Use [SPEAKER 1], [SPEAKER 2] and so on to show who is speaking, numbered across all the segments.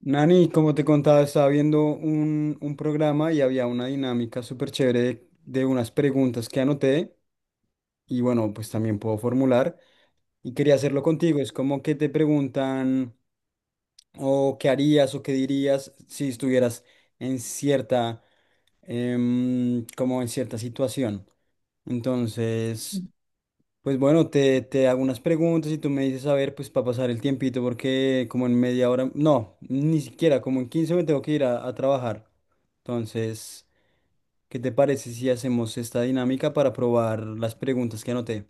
[SPEAKER 1] Nani, como te contaba, estaba viendo un programa y había una dinámica súper chévere de unas preguntas que anoté y bueno, pues también puedo formular y quería hacerlo contigo. Es como que te preguntan o qué harías o qué dirías si estuvieras en cierta, como en cierta situación. Entonces, pues bueno, te hago unas preguntas y tú me dices, a ver, pues para pasar el tiempito, porque como en media hora, no, ni siquiera, como en 15 me tengo que ir a trabajar. Entonces, ¿qué te parece si hacemos esta dinámica para probar las preguntas que anoté?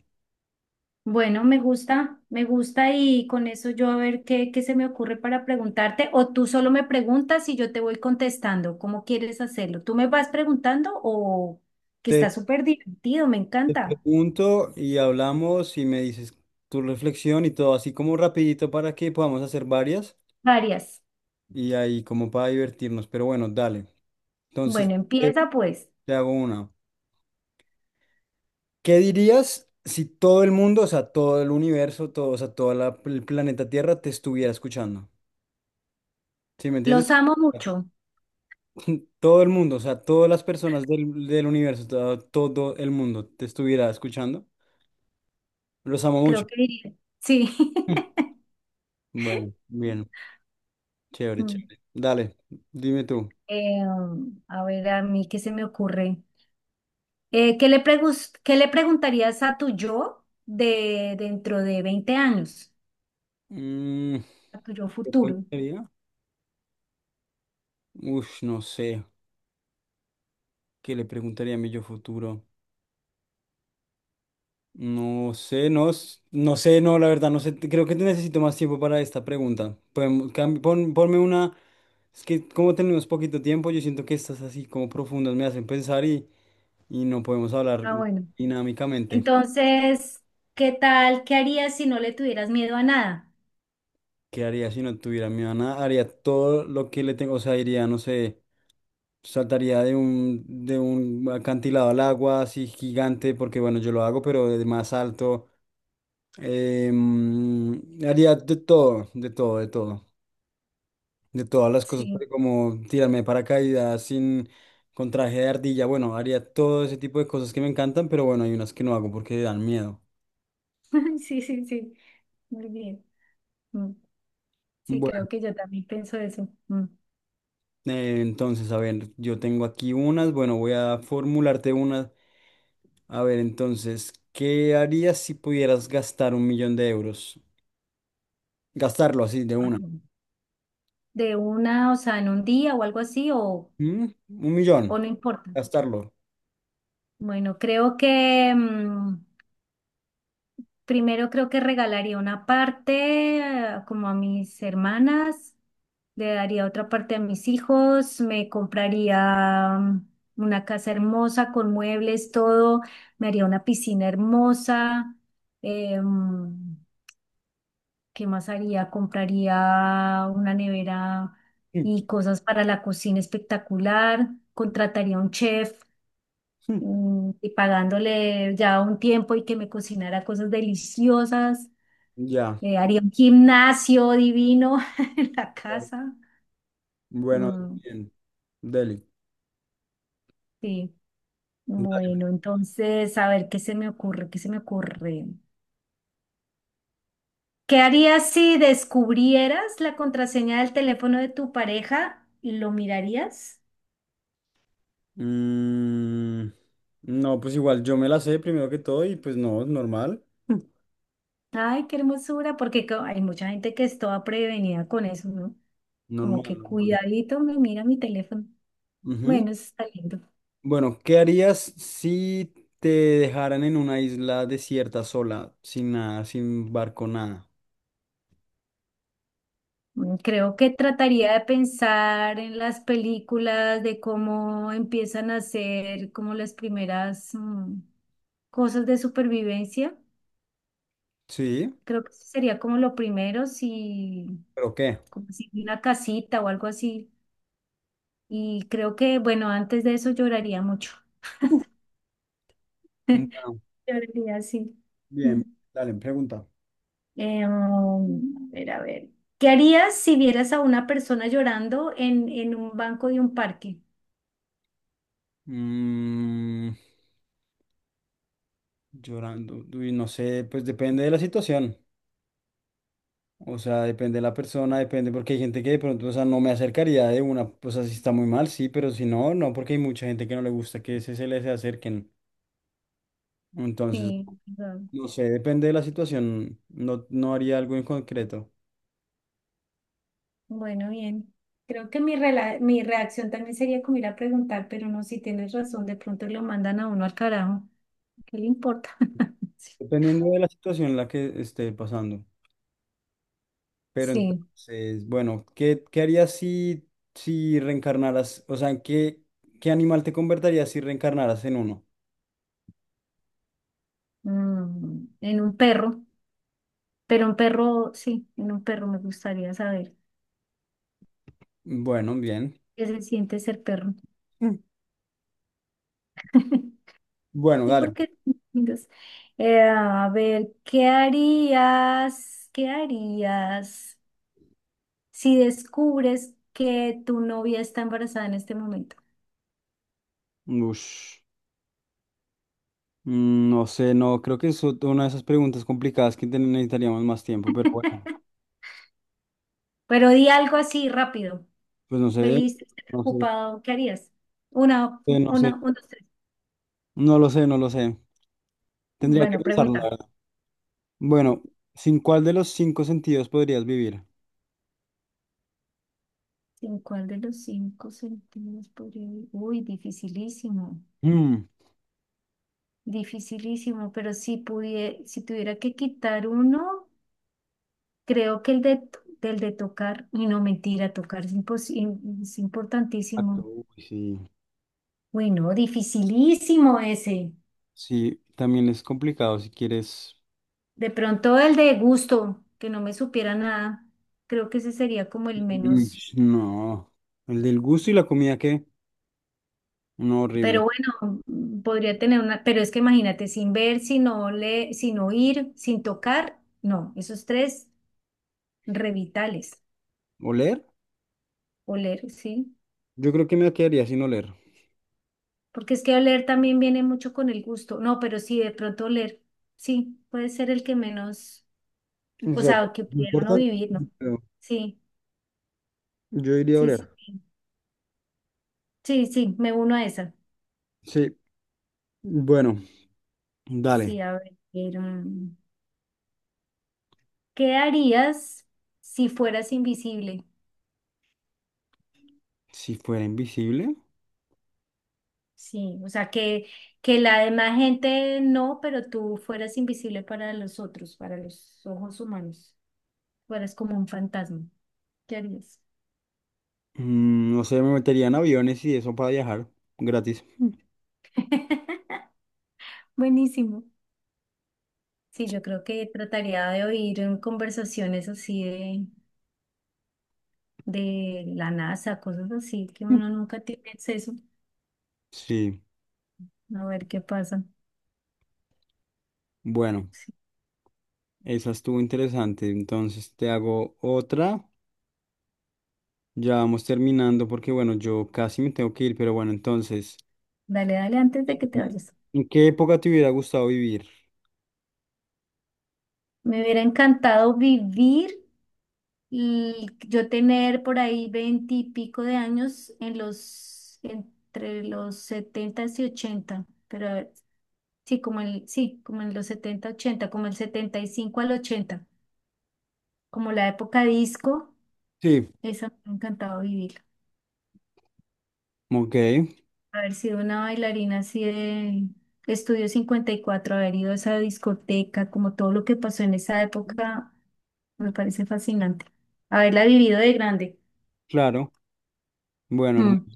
[SPEAKER 2] Bueno, me gusta y con eso yo a ver qué se me ocurre para preguntarte o tú solo me preguntas y yo te voy contestando. ¿Cómo quieres hacerlo? ¿Tú me vas preguntando o que está
[SPEAKER 1] Te
[SPEAKER 2] súper divertido? Me encanta.
[SPEAKER 1] pregunto y hablamos y me dices tu reflexión y todo así como rapidito para que podamos hacer varias
[SPEAKER 2] Varias.
[SPEAKER 1] y ahí como para divertirnos, pero bueno, dale. Entonces,
[SPEAKER 2] Bueno,
[SPEAKER 1] eh,
[SPEAKER 2] empieza pues.
[SPEAKER 1] te hago una. ¿Qué dirías si todo el mundo, o sea, todo el universo, todo, o sea, todo el planeta Tierra te estuviera escuchando? ¿Sí me entiendes?
[SPEAKER 2] Los amo mucho,
[SPEAKER 1] Todo el mundo, o sea, todas las personas del universo, todo, todo el mundo te estuviera escuchando. Los amo mucho.
[SPEAKER 2] creo que diría. Sí.
[SPEAKER 1] Bueno, bien, chévere,
[SPEAKER 2] Mm.
[SPEAKER 1] chévere. Dale, dime tú.
[SPEAKER 2] Eh, a ver, a mí qué se me ocurre. ¿Qué le preguntarías a tu yo de dentro de 20 años?
[SPEAKER 1] Mm,
[SPEAKER 2] A tu yo
[SPEAKER 1] ¿qué
[SPEAKER 2] futuro.
[SPEAKER 1] preguntaría? Uf, no sé. ¿Qué le preguntaría a mi yo futuro? No sé, no, no sé, no, la verdad, no sé. Creo que te necesito más tiempo para esta pregunta. Podemos, ponme una. Es que como tenemos poquito tiempo, yo siento que estas así como profundas me hacen pensar y no podemos hablar
[SPEAKER 2] Ah, bueno.
[SPEAKER 1] dinámicamente.
[SPEAKER 2] Entonces, ¿qué tal? ¿Qué harías si no le tuvieras miedo a nada?
[SPEAKER 1] ¿Qué haría si no tuviera mi nada? Haría todo lo que le tengo, o sea, iría, no sé, saltaría de un acantilado al agua así gigante, porque bueno, yo lo hago, pero de más alto. Em, haría de todo, de todo, de todo. De todas las cosas,
[SPEAKER 2] Sí,
[SPEAKER 1] pero como tirarme de paracaídas sin con traje de ardilla, bueno, haría todo ese tipo de cosas que me encantan, pero bueno, hay unas que no hago porque dan miedo.
[SPEAKER 2] sí, sí, sí. Muy bien. Mm. Sí,
[SPEAKER 1] Bueno,
[SPEAKER 2] creo que yo también pienso eso. Mm.
[SPEAKER 1] entonces, a ver, yo tengo aquí unas, bueno, voy a formularte unas. A ver, entonces, ¿qué harías si pudieras gastar 1 millón de euros? Gastarlo así, de una.
[SPEAKER 2] Ajá. De una, o sea, en un día o algo así, o,
[SPEAKER 1] ¿Mm? 1 millón,
[SPEAKER 2] o no importa.
[SPEAKER 1] gastarlo.
[SPEAKER 2] Bueno, creo que primero creo que regalaría una parte como a mis hermanas. Le daría otra parte a mis hijos, me compraría una casa hermosa con muebles, todo, me haría una piscina hermosa. eh, mm, ¿Qué más haría? Compraría una nevera
[SPEAKER 1] Mm,
[SPEAKER 2] y cosas para la cocina espectacular. Contrataría un chef,
[SPEAKER 1] mm,
[SPEAKER 2] y pagándole ya un tiempo y que me cocinara cosas deliciosas.
[SPEAKER 1] ya.
[SPEAKER 2] Haría un gimnasio divino en la
[SPEAKER 1] Claro.
[SPEAKER 2] casa.
[SPEAKER 1] Bueno,
[SPEAKER 2] Mm,
[SPEAKER 1] bien. Deli.
[SPEAKER 2] sí.
[SPEAKER 1] Dale,
[SPEAKER 2] Bueno, entonces, a ver, ¿qué se me ocurre? ¿Qué se me ocurre? ¿Qué harías si descubrieras la contraseña del teléfono de tu pareja? ¿Lo mirarías?
[SPEAKER 1] mm, no, pues igual yo me la sé primero que todo y pues no, normal.
[SPEAKER 2] Ay, qué hermosura, porque hay mucha gente que es toda prevenida con eso, ¿no? Como
[SPEAKER 1] Normal,
[SPEAKER 2] que
[SPEAKER 1] normal.
[SPEAKER 2] cuidadito, me mira mi teléfono.
[SPEAKER 1] Ujú.
[SPEAKER 2] Bueno, eso está lindo.
[SPEAKER 1] Bueno, ¿qué harías si te dejaran en una isla desierta sola, sin nada, sin barco, nada?
[SPEAKER 2] Creo que trataría de pensar en las películas, de cómo empiezan a hacer como las primeras cosas de supervivencia.
[SPEAKER 1] Sí,
[SPEAKER 2] Creo que eso sería como lo primero, si,
[SPEAKER 1] ¿pero qué?
[SPEAKER 2] como si una casita o algo así. Y creo que, bueno, antes de eso lloraría mucho.
[SPEAKER 1] Uh. Bueno,
[SPEAKER 2] Lloraría, sí.
[SPEAKER 1] bien,
[SPEAKER 2] Mm.
[SPEAKER 1] dale, pregunta.
[SPEAKER 2] A ver, a ver. ¿Qué harías si vieras a una persona llorando en un banco de un parque?
[SPEAKER 1] Mm, llorando, uy, no sé, pues depende de la situación. O sea, depende de la persona, depende, porque hay gente que de pronto, o sea, no me acercaría de una, pues así está muy mal, sí, pero si no, no, porque hay mucha gente que no le gusta que se les acerquen. Entonces,
[SPEAKER 2] Sí, perdón.
[SPEAKER 1] no sé, depende de la situación, no, no haría algo en concreto,
[SPEAKER 2] Bueno, bien. Creo que mi reacción también sería como ir a preguntar, pero no, si tienes razón, de pronto lo mandan a uno al carajo. ¿Qué le importa?
[SPEAKER 1] dependiendo de la situación en la que esté pasando. Pero
[SPEAKER 2] Sí.
[SPEAKER 1] entonces, bueno, ¿qué, qué harías si, si reencarnaras? O sea, ¿qué animal te convertirías si reencarnaras en uno?
[SPEAKER 2] En un perro, pero un perro, sí, en un perro me gustaría saber
[SPEAKER 1] Bueno, bien.
[SPEAKER 2] qué se siente ser perro.
[SPEAKER 1] Mm. Bueno,
[SPEAKER 2] Sí,
[SPEAKER 1] dale.
[SPEAKER 2] porque son lindos. A ver, ¿qué harías? ¿Qué harías si descubres que tu novia está embarazada en este momento?
[SPEAKER 1] Ush. Mm, no sé, no, creo que es una de esas preguntas complicadas que necesitaríamos más tiempo, pero bueno,
[SPEAKER 2] Pero di algo así rápido.
[SPEAKER 1] pues no sé,
[SPEAKER 2] Feliz,
[SPEAKER 1] no sé,
[SPEAKER 2] preocupado, ¿qué harías?
[SPEAKER 1] no
[SPEAKER 2] Una,
[SPEAKER 1] sé,
[SPEAKER 2] uno, dos, tres.
[SPEAKER 1] no lo sé, no lo sé. Tendría que
[SPEAKER 2] Bueno,
[SPEAKER 1] pensarlo, la
[SPEAKER 2] pregunta.
[SPEAKER 1] verdad. Bueno, ¿sin cuál de los cinco sentidos podrías vivir?
[SPEAKER 2] ¿En cuál de los cinco sentidos podría vivir? Uy, dificilísimo.
[SPEAKER 1] Mm,
[SPEAKER 2] Dificilísimo, pero si tuviera que quitar uno, creo que el del de tocar, y no mentira, tocar es
[SPEAKER 1] exacto,
[SPEAKER 2] importantísimo.
[SPEAKER 1] uy, sí,
[SPEAKER 2] Uy, no, dificilísimo ese.
[SPEAKER 1] sí, también es complicado si quieres.
[SPEAKER 2] De pronto el de gusto, que no me supiera nada, creo que ese sería como el
[SPEAKER 1] Mm,
[SPEAKER 2] menos.
[SPEAKER 1] no, el del gusto y la comida, ¿qué? No, horrible.
[SPEAKER 2] Pero bueno, podría tener una, pero es que imagínate, sin ver, sin oler, sin oír, sin tocar, no, esos tres revitales,
[SPEAKER 1] ¿Oler?
[SPEAKER 2] oler, sí.
[SPEAKER 1] Yo creo que me quedaría sin oler.
[SPEAKER 2] Porque es que oler también viene mucho con el gusto. No, pero sí, de pronto oler, sí, puede ser el que menos,
[SPEAKER 1] O
[SPEAKER 2] o
[SPEAKER 1] sea,
[SPEAKER 2] sea, que
[SPEAKER 1] no
[SPEAKER 2] pudiera no
[SPEAKER 1] importa,
[SPEAKER 2] vivir, ¿no?
[SPEAKER 1] pero
[SPEAKER 2] Sí,
[SPEAKER 1] yo iría a
[SPEAKER 2] sí, sí,
[SPEAKER 1] oler.
[SPEAKER 2] sí, sí, sí, me uno a esa.
[SPEAKER 1] Sí, bueno. Dale,
[SPEAKER 2] Sí, a ver, ¿qué harías si fueras invisible?
[SPEAKER 1] si fuera invisible,
[SPEAKER 2] Sí, o sea, que la demás gente no, pero tú fueras invisible para los otros, para los ojos humanos, fueras como un fantasma. ¿Qué harías?
[SPEAKER 1] mm, no sé, me metería en aviones y eso para viajar gratis.
[SPEAKER 2] Buenísimo. Sí, yo creo que trataría de oír en conversaciones así de la NASA, cosas así que uno nunca tiene acceso.
[SPEAKER 1] Sí,
[SPEAKER 2] A ver qué pasa.
[SPEAKER 1] bueno,
[SPEAKER 2] Sí.
[SPEAKER 1] esa estuvo interesante. Entonces te hago otra. Ya vamos terminando porque, bueno, yo casi me tengo que ir, pero bueno, entonces,
[SPEAKER 2] Dale, dale, antes
[SPEAKER 1] eh,
[SPEAKER 2] de que te vayas.
[SPEAKER 1] ¿en qué época te hubiera gustado vivir?
[SPEAKER 2] Me hubiera encantado vivir y yo tener por ahí 20 y pico de años en entre los setenta y ochenta, pero a ver, sí, como el, sí, como en los setenta, ochenta, como el setenta y cinco al ochenta, como la época disco,
[SPEAKER 1] Sí,
[SPEAKER 2] esa me ha encantado vivir.
[SPEAKER 1] ok,
[SPEAKER 2] Haber sido una bailarina así de Estudio 54, haber ido a esa discoteca, como todo lo que pasó en esa época, me parece fascinante. Haberla vivido de grande.
[SPEAKER 1] claro. Bueno, hermano.
[SPEAKER 2] Mm.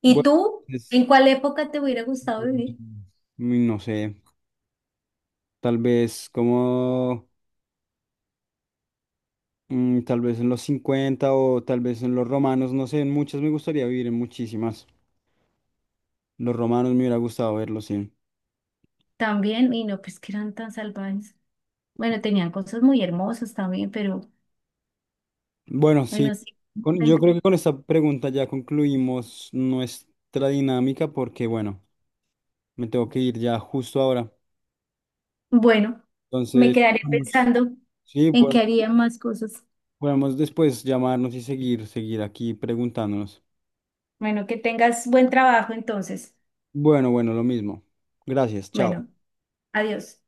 [SPEAKER 2] ¿Y
[SPEAKER 1] Bueno,
[SPEAKER 2] tú?
[SPEAKER 1] es-
[SPEAKER 2] ¿En cuál época te hubiera gustado vivir?
[SPEAKER 1] no sé, tal vez como. Mm, tal vez en los 50 o tal vez en los romanos, no sé, en muchas me gustaría vivir, en muchísimas. Los romanos me hubiera gustado verlos, sí.
[SPEAKER 2] También, y no, pues que eran tan salvajes. Bueno, tenían cosas muy hermosas también, pero
[SPEAKER 1] Bueno, sí,
[SPEAKER 2] bueno, sí. Eh,
[SPEAKER 1] yo creo que con esta pregunta ya concluimos nuestra dinámica porque, bueno, me tengo que ir ya justo ahora.
[SPEAKER 2] Bueno, me
[SPEAKER 1] Entonces,
[SPEAKER 2] quedaré pensando
[SPEAKER 1] sí,
[SPEAKER 2] en qué
[SPEAKER 1] podemos,
[SPEAKER 2] haría más cosas.
[SPEAKER 1] podemos después llamarnos y seguir aquí preguntándonos.
[SPEAKER 2] Bueno, que tengas buen trabajo entonces.
[SPEAKER 1] Bueno, bueno, lo mismo. Gracias, chao.
[SPEAKER 2] Bueno, adiós.